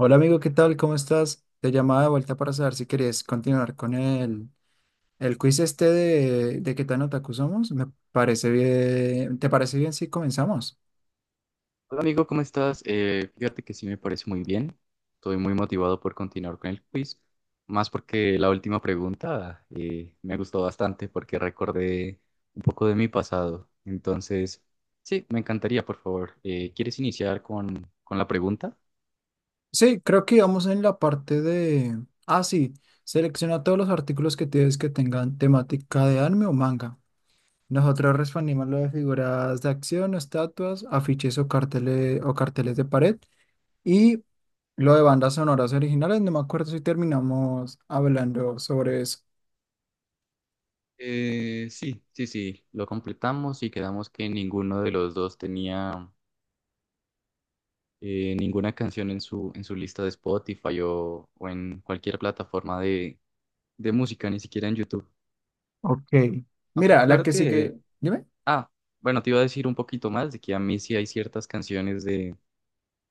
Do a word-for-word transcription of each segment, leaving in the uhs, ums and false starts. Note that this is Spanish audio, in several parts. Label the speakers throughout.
Speaker 1: Hola amigo, ¿qué tal? ¿Cómo estás? Te llamaba de vuelta para saber si querías continuar con el, el quiz este de, de qué tan otaku somos. Me parece bien. ¿Te parece bien si comenzamos?
Speaker 2: Hola amigo, ¿cómo estás? Eh, fíjate que sí me parece muy bien. Estoy muy motivado por continuar con el quiz, más porque la última pregunta eh, me gustó bastante porque recordé un poco de mi pasado. Entonces, sí, me encantaría, por favor. Eh, ¿quieres iniciar con, con la pregunta?
Speaker 1: Sí, creo que íbamos en la parte de... Ah, sí. Selecciona todos los artículos que tienes que tengan temática de anime o manga. Nosotros respondimos lo de figuras de acción, estatuas, afiches o carteles, o carteles de pared. Y lo de bandas sonoras originales. No me acuerdo si terminamos hablando sobre eso.
Speaker 2: Eh, sí, sí, sí, lo completamos y quedamos que ninguno de los dos tenía eh, ninguna canción en su, en su lista de Spotify o, o en cualquier plataforma de, de música, ni siquiera en YouTube.
Speaker 1: Ok.
Speaker 2: Ok,
Speaker 1: Mira, la
Speaker 2: claro
Speaker 1: que
Speaker 2: que...
Speaker 1: sigue. Dime.
Speaker 2: Ah, bueno, te iba a decir un poquito más de que a mí sí hay ciertas canciones de,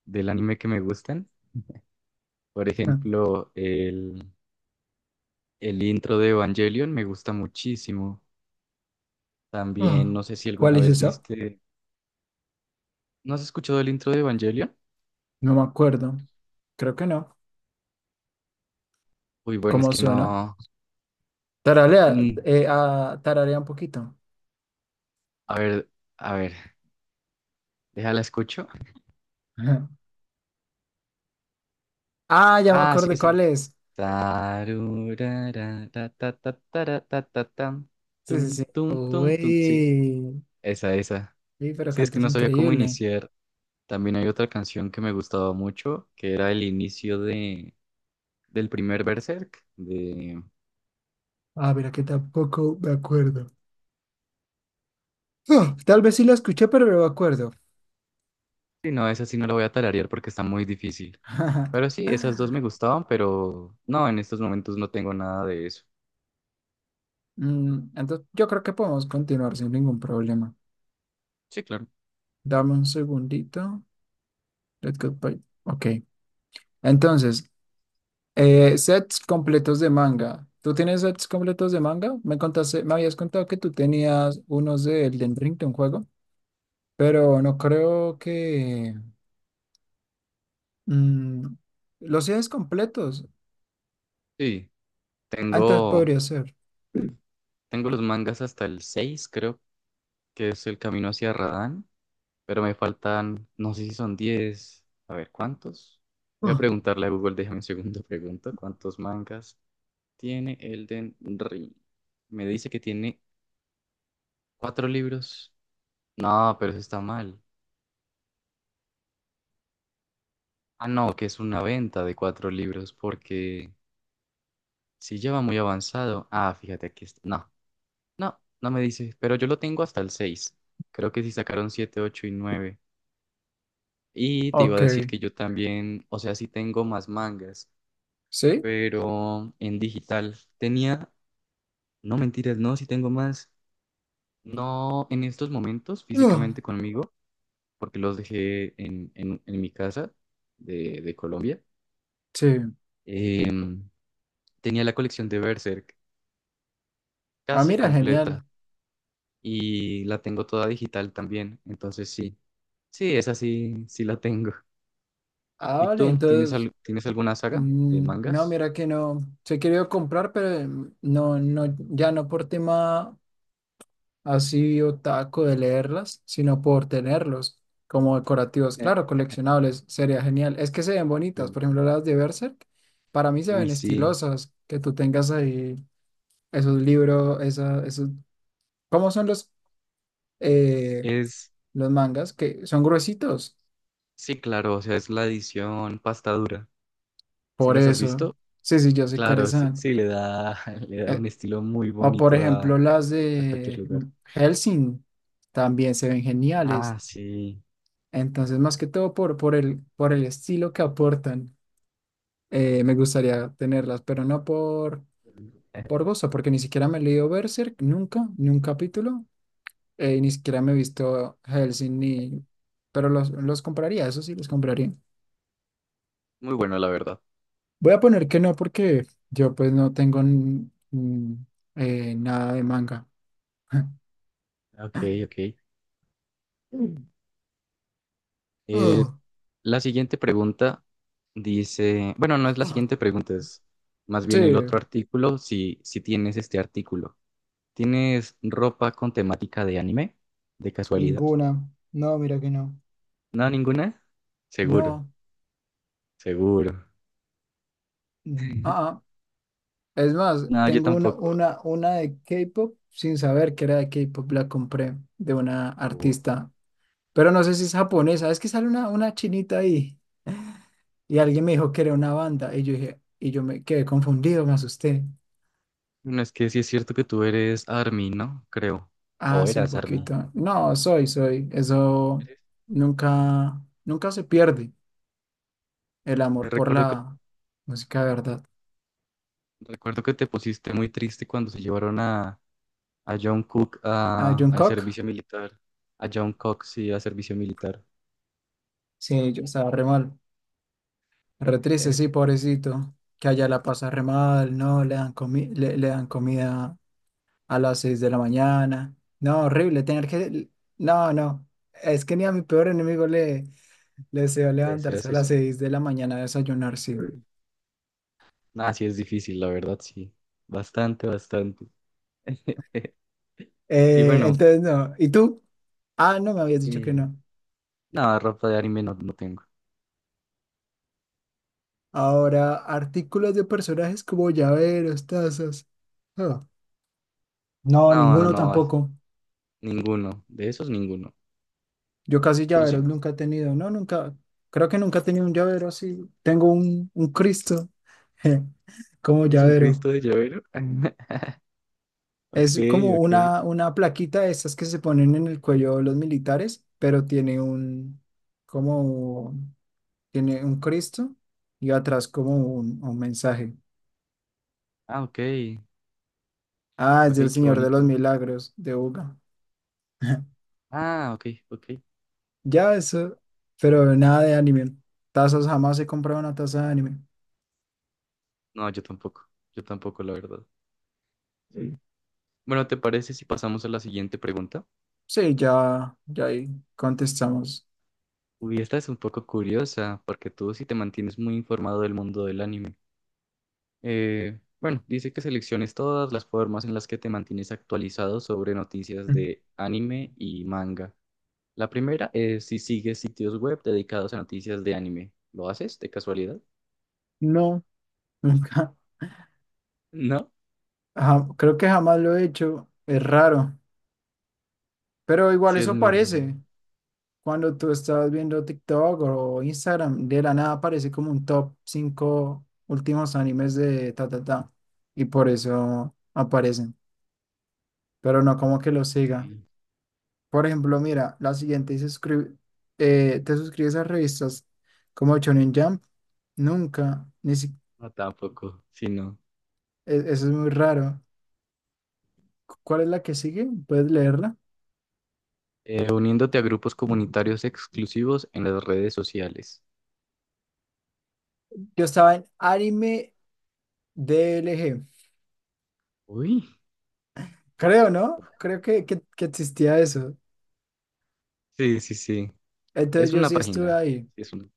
Speaker 2: del anime que me gustan. Por
Speaker 1: Ah.
Speaker 2: ejemplo, el, el intro de Evangelion me gusta muchísimo. También,
Speaker 1: Ah.
Speaker 2: no sé si
Speaker 1: ¿Cuál
Speaker 2: alguna
Speaker 1: es
Speaker 2: vez
Speaker 1: esa?
Speaker 2: viste... ¿No has escuchado el intro de Evangelion?
Speaker 1: No me acuerdo. Creo que no.
Speaker 2: Uy, bueno, es
Speaker 1: ¿Cómo
Speaker 2: que
Speaker 1: suena?
Speaker 2: no...
Speaker 1: Taralea,
Speaker 2: mm,
Speaker 1: eh, ah, tararea un poquito.
Speaker 2: a ver, a ver, déjala escucho.
Speaker 1: Ajá. Ah, ya me
Speaker 2: Ah, sí,
Speaker 1: acordé
Speaker 2: sí.
Speaker 1: cuál es.
Speaker 2: Tarurara, ta, ta, ta, tara, ta, ta, tam,
Speaker 1: Sí,
Speaker 2: tum,
Speaker 1: sí, sí.
Speaker 2: tum, tum, tum. Sí,
Speaker 1: Uy.
Speaker 2: esa, esa.
Speaker 1: Sí, pero
Speaker 2: Sí, es que
Speaker 1: cantas
Speaker 2: no sabía cómo
Speaker 1: increíble.
Speaker 2: iniciar. También hay otra canción que me gustaba mucho, que era el inicio de, del primer Berserk. De...
Speaker 1: Ah, mira que tampoco me acuerdo. Ah, tal vez sí la escuché, pero no me acuerdo.
Speaker 2: Sí, no, esa sí no la voy a tararear porque está muy difícil. Pero sí, esas dos me gustaban, pero no, en estos momentos no tengo nada de eso.
Speaker 1: Mm, entonces, yo creo que podemos continuar sin ningún problema.
Speaker 2: Sí, claro.
Speaker 1: Dame un segundito. Let's go. Bye. Ok. Entonces, eh, sets completos de manga. ¿Tú tienes sets completos de manga? Me contaste, me habías contado que tú tenías unos de Elden Ring de un juego, pero no creo que mm, los sets completos.
Speaker 2: Sí,
Speaker 1: Antes
Speaker 2: tengo,
Speaker 1: podría ser.
Speaker 2: tengo los mangas hasta el seis, creo que es el camino hacia Radán, pero me faltan, no sé si son diez, a ver, ¿cuántos? Voy a
Speaker 1: Ah,
Speaker 2: preguntarle a Google, déjame un segundo, pregunto, ¿cuántos mangas tiene Elden Ring? Me dice que tiene cuatro libros. No, pero eso está mal. Ah, no, que es una venta de cuatro libros porque si ya va muy avanzado. Ah, fíjate, aquí está. No, no, no me dice, pero yo lo tengo hasta el seis. Creo que sí sacaron siete, ocho y nueve. Y te iba a
Speaker 1: Ok.
Speaker 2: decir que yo también, o sea, sí tengo más mangas,
Speaker 1: ¿Sí?
Speaker 2: pero en digital. Tenía, no mentiras, no, sí tengo más. No en estos momentos
Speaker 1: ah.
Speaker 2: físicamente conmigo, porque los dejé en, en- en mi casa de, de Colombia.
Speaker 1: ¿Sí?
Speaker 2: Em, tenía la colección de Berserk
Speaker 1: Ah,
Speaker 2: casi
Speaker 1: mira, genial.
Speaker 2: completa y la tengo toda digital también. Entonces sí, sí, esa sí, sí la tengo.
Speaker 1: Ah,
Speaker 2: ¿Y
Speaker 1: vale,
Speaker 2: tú tienes,
Speaker 1: entonces,
Speaker 2: al- tienes alguna saga de
Speaker 1: mm, no,
Speaker 2: mangas?
Speaker 1: mira que no. Se quería comprar, pero mm, no, no, ya no por tema, así otaku de leerlas, sino por tenerlos como decorativos.
Speaker 2: Eh.
Speaker 1: Claro, coleccionables, sería genial. Es que se ven bonitas,
Speaker 2: El-
Speaker 1: por ejemplo, las de Berserk, para mí se
Speaker 2: Uy,
Speaker 1: ven
Speaker 2: sí,
Speaker 1: estilosas, que tú tengas ahí esos libros, esa, esos... ¿Cómo son los, eh,
Speaker 2: es,
Speaker 1: los mangas? Que son gruesitos,
Speaker 2: sí, claro, o sea, es la edición pasta dura. ¿Sí
Speaker 1: por
Speaker 2: las has
Speaker 1: eso.
Speaker 2: visto?
Speaker 1: Sí, sí, yo soy
Speaker 2: Claro, sí,
Speaker 1: carezán.
Speaker 2: sí, le da, le da
Speaker 1: Eh,
Speaker 2: un estilo muy
Speaker 1: o por
Speaker 2: bonito a,
Speaker 1: ejemplo, las
Speaker 2: a cualquier
Speaker 1: de
Speaker 2: lugar.
Speaker 1: Helsing, también se ven geniales.
Speaker 2: Ah, sí.
Speaker 1: Entonces, más que todo por, por el, por el estilo que aportan. Eh, me gustaría tenerlas, pero no por, por gozo, porque ni siquiera me he leído Berserk, nunca, ni un capítulo, eh, y ni siquiera me he visto Hellsing, ni... pero los, los compraría, eso sí, los compraría.
Speaker 2: Muy bueno, la verdad.
Speaker 1: Voy a poner que no, porque yo pues no tengo n- mm, eh, nada de manga.
Speaker 2: Ok, ok. Mm. Eh,
Speaker 1: Ah,
Speaker 2: la siguiente pregunta dice, bueno, no es la
Speaker 1: ah.
Speaker 2: siguiente pregunta, es más
Speaker 1: Sí,
Speaker 2: bien el otro artículo, si, si tienes este artículo. ¿Tienes ropa con temática de anime? ¿De casualidad?
Speaker 1: ninguna. No, mira que no.
Speaker 2: No, ninguna. Seguro,
Speaker 1: No.
Speaker 2: seguro.
Speaker 1: Mm. Ah, ah. Es más,
Speaker 2: No, yo
Speaker 1: tengo una,
Speaker 2: tampoco.
Speaker 1: una, una de K-pop sin saber que era de K-pop, la compré de una
Speaker 2: Oh.
Speaker 1: artista, pero no sé si es japonesa, es que sale una, una chinita ahí y alguien me dijo que era una banda y yo dije, y yo me quedé confundido, me asusté.
Speaker 2: Bueno, es que sí es cierto que tú eres A R M Y, ¿no? Creo. O
Speaker 1: Ah, sí, un
Speaker 2: eras A R M Y.
Speaker 1: poquito. No, soy, soy. Eso
Speaker 2: Eres.
Speaker 1: nunca, nunca se pierde el amor por
Speaker 2: Recuerdo que,
Speaker 1: la música de verdad.
Speaker 2: recuerdo que te pusiste muy triste cuando se llevaron a a John Cook
Speaker 1: Ah,
Speaker 2: a- al
Speaker 1: Jungkook,
Speaker 2: servicio militar, a John Cox, sí, a servicio militar.
Speaker 1: sí, yo estaba re mal. Re triste,
Speaker 2: Eh,
Speaker 1: sí, pobrecito, que allá la pasa re mal, no, le dan comi- le, le dan comida a las seis de la mañana. No, horrible, tener que... No, no, es que ni a mi peor enemigo le, le deseo levantarse
Speaker 2: ¿Decías
Speaker 1: a las
Speaker 2: eso?
Speaker 1: seis de la mañana a desayunar, sí.
Speaker 2: Nah, sí es difícil, la verdad, sí. Bastante, bastante. Y
Speaker 1: Eh,
Speaker 2: bueno,
Speaker 1: entonces, no, ¿y tú? Ah, no, me habías dicho que
Speaker 2: eh,
Speaker 1: no.
Speaker 2: nada, ropa de anime no, no tengo.
Speaker 1: Ahora, artículos de personajes como llaveros, tazas. Ah, no,
Speaker 2: No, no,
Speaker 1: ninguno
Speaker 2: no, as-
Speaker 1: tampoco.
Speaker 2: ninguno. De esos, ninguno.
Speaker 1: Yo casi
Speaker 2: ¿Tú sí?
Speaker 1: llaveros nunca he tenido, no, nunca, creo que nunca he tenido un llavero así. Tengo un, un Cristo como
Speaker 2: ¿Eres un
Speaker 1: llavero.
Speaker 2: Cristo de llavero? Ok,
Speaker 1: Es como
Speaker 2: ok.
Speaker 1: una, una plaquita de esas que se ponen en el cuello los militares, pero tiene un, como, tiene un Cristo y atrás como un, un mensaje.
Speaker 2: Ah, ok.
Speaker 1: Ah, es
Speaker 2: Ok,
Speaker 1: del
Speaker 2: qué
Speaker 1: Señor de los
Speaker 2: bonito.
Speaker 1: Milagros de Buga.
Speaker 2: Ah, ok, ok.
Speaker 1: Ya eso, pero nada de anime. Tazas, jamás he comprado una taza de anime.
Speaker 2: No, yo tampoco. Yo tampoco, la verdad. Sí. Bueno, ¿te parece si pasamos a la siguiente pregunta?
Speaker 1: Sí, ya, ya ahí contestamos.
Speaker 2: Uy, esta es un poco curiosa, porque tú sí te mantienes muy informado del mundo del anime. Eh, bueno, dice que selecciones todas las formas en las que te mantienes actualizado sobre noticias de anime y manga. La primera es si sigues sitios web dedicados a noticias de anime. ¿Lo haces de casualidad?
Speaker 1: No, nunca.
Speaker 2: No,
Speaker 1: Ja- creo que jamás lo he hecho. Es raro. Pero igual
Speaker 2: sí es
Speaker 1: eso
Speaker 2: muy raro.
Speaker 1: aparece. Cuando tú estás viendo TikTok o Instagram, de la nada aparece como un top cinco últimos animes de ta ta ta. Y por eso aparecen. Pero no como que lo siga.
Speaker 2: Sí,
Speaker 1: Por ejemplo, mira, la siguiente dice, suscri- eh, ¿te suscribes a revistas como Shonen Jump? Nunca. Ni si-
Speaker 2: no, tampoco, sí, no.
Speaker 1: e- Eso es muy raro. ¿Cu- ¿Cuál es la que sigue? ¿Puedes leerla?
Speaker 2: Eh, uniéndote a grupos comunitarios exclusivos en las redes sociales.
Speaker 1: Yo estaba en anime D L G.
Speaker 2: Uy,
Speaker 1: Creo, ¿no? Creo que, que, que existía eso.
Speaker 2: sí, sí, sí.
Speaker 1: Entonces
Speaker 2: Es
Speaker 1: yo
Speaker 2: una
Speaker 1: sí estuve
Speaker 2: página.
Speaker 1: ahí.
Speaker 2: Sí es una.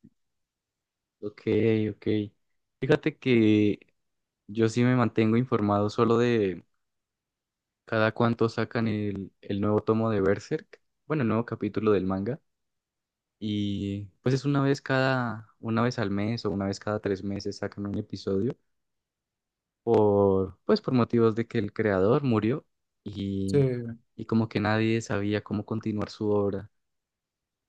Speaker 2: Ok, ok. Fíjate que yo sí me mantengo informado solo de cada cuánto sacan el, el nuevo tomo de Berserk, bueno, el nuevo capítulo del manga. Y pues es una vez cada, una vez al mes o una vez cada tres meses sacan un episodio por, pues por motivos de que el creador murió
Speaker 1: Sí.
Speaker 2: y, y como que nadie sabía cómo continuar su obra.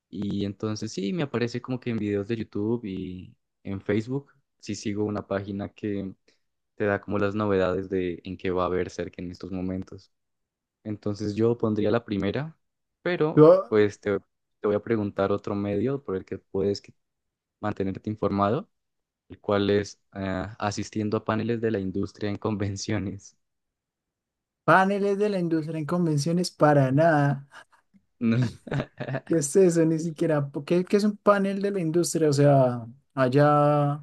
Speaker 2: Y entonces sí, me aparece como que en videos de YouTube y en Facebook, sí sigo una página que te da como las novedades de en qué va a haber cerca en estos momentos. Entonces yo pondría la primera, pero
Speaker 1: Yo,
Speaker 2: pues te, te voy a preguntar otro medio por el que puedes que- mantenerte informado, el cual es eh, asistiendo a paneles de la industria en convenciones.
Speaker 1: paneles de la industria en convenciones, para nada.
Speaker 2: No.
Speaker 1: ¿Qué es eso? Ni siquiera. ¿Qué, ¿qué es un panel de la industria? O sea, allá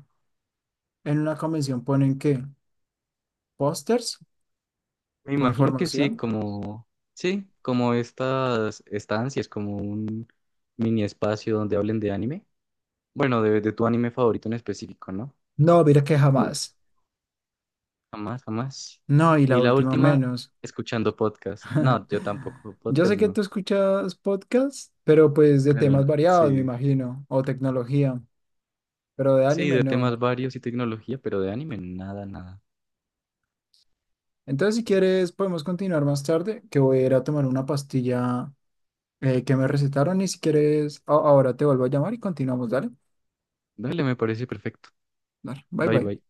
Speaker 1: en una convención ¿ponen qué? ¿Pósters
Speaker 2: Me
Speaker 1: o
Speaker 2: imagino que sí,
Speaker 1: información?
Speaker 2: como, sí, como estas estancias, como un mini espacio donde hablen de anime. Bueno, de, de tu anime favorito en específico, ¿no?
Speaker 1: No, mira que jamás.
Speaker 2: Jamás, jamás.
Speaker 1: No, y la
Speaker 2: Y la
Speaker 1: última
Speaker 2: última,
Speaker 1: menos.
Speaker 2: escuchando podcast. No, yo tampoco,
Speaker 1: Yo
Speaker 2: podcast
Speaker 1: sé que
Speaker 2: no.
Speaker 1: tú escuchas podcasts, pero pues de
Speaker 2: Pero
Speaker 1: temas variados, me
Speaker 2: sí,
Speaker 1: imagino, o tecnología, pero de
Speaker 2: sí,
Speaker 1: anime
Speaker 2: de
Speaker 1: no.
Speaker 2: temas varios y tecnología, pero de anime, nada, nada.
Speaker 1: Entonces, si quieres, podemos continuar más tarde, que voy a ir a tomar una pastilla eh, que me recetaron y si quieres, a- ahora te vuelvo a llamar y continuamos, dale.
Speaker 2: Dale, me parece perfecto.
Speaker 1: Dale, bye
Speaker 2: Bye,
Speaker 1: bye.
Speaker 2: bye.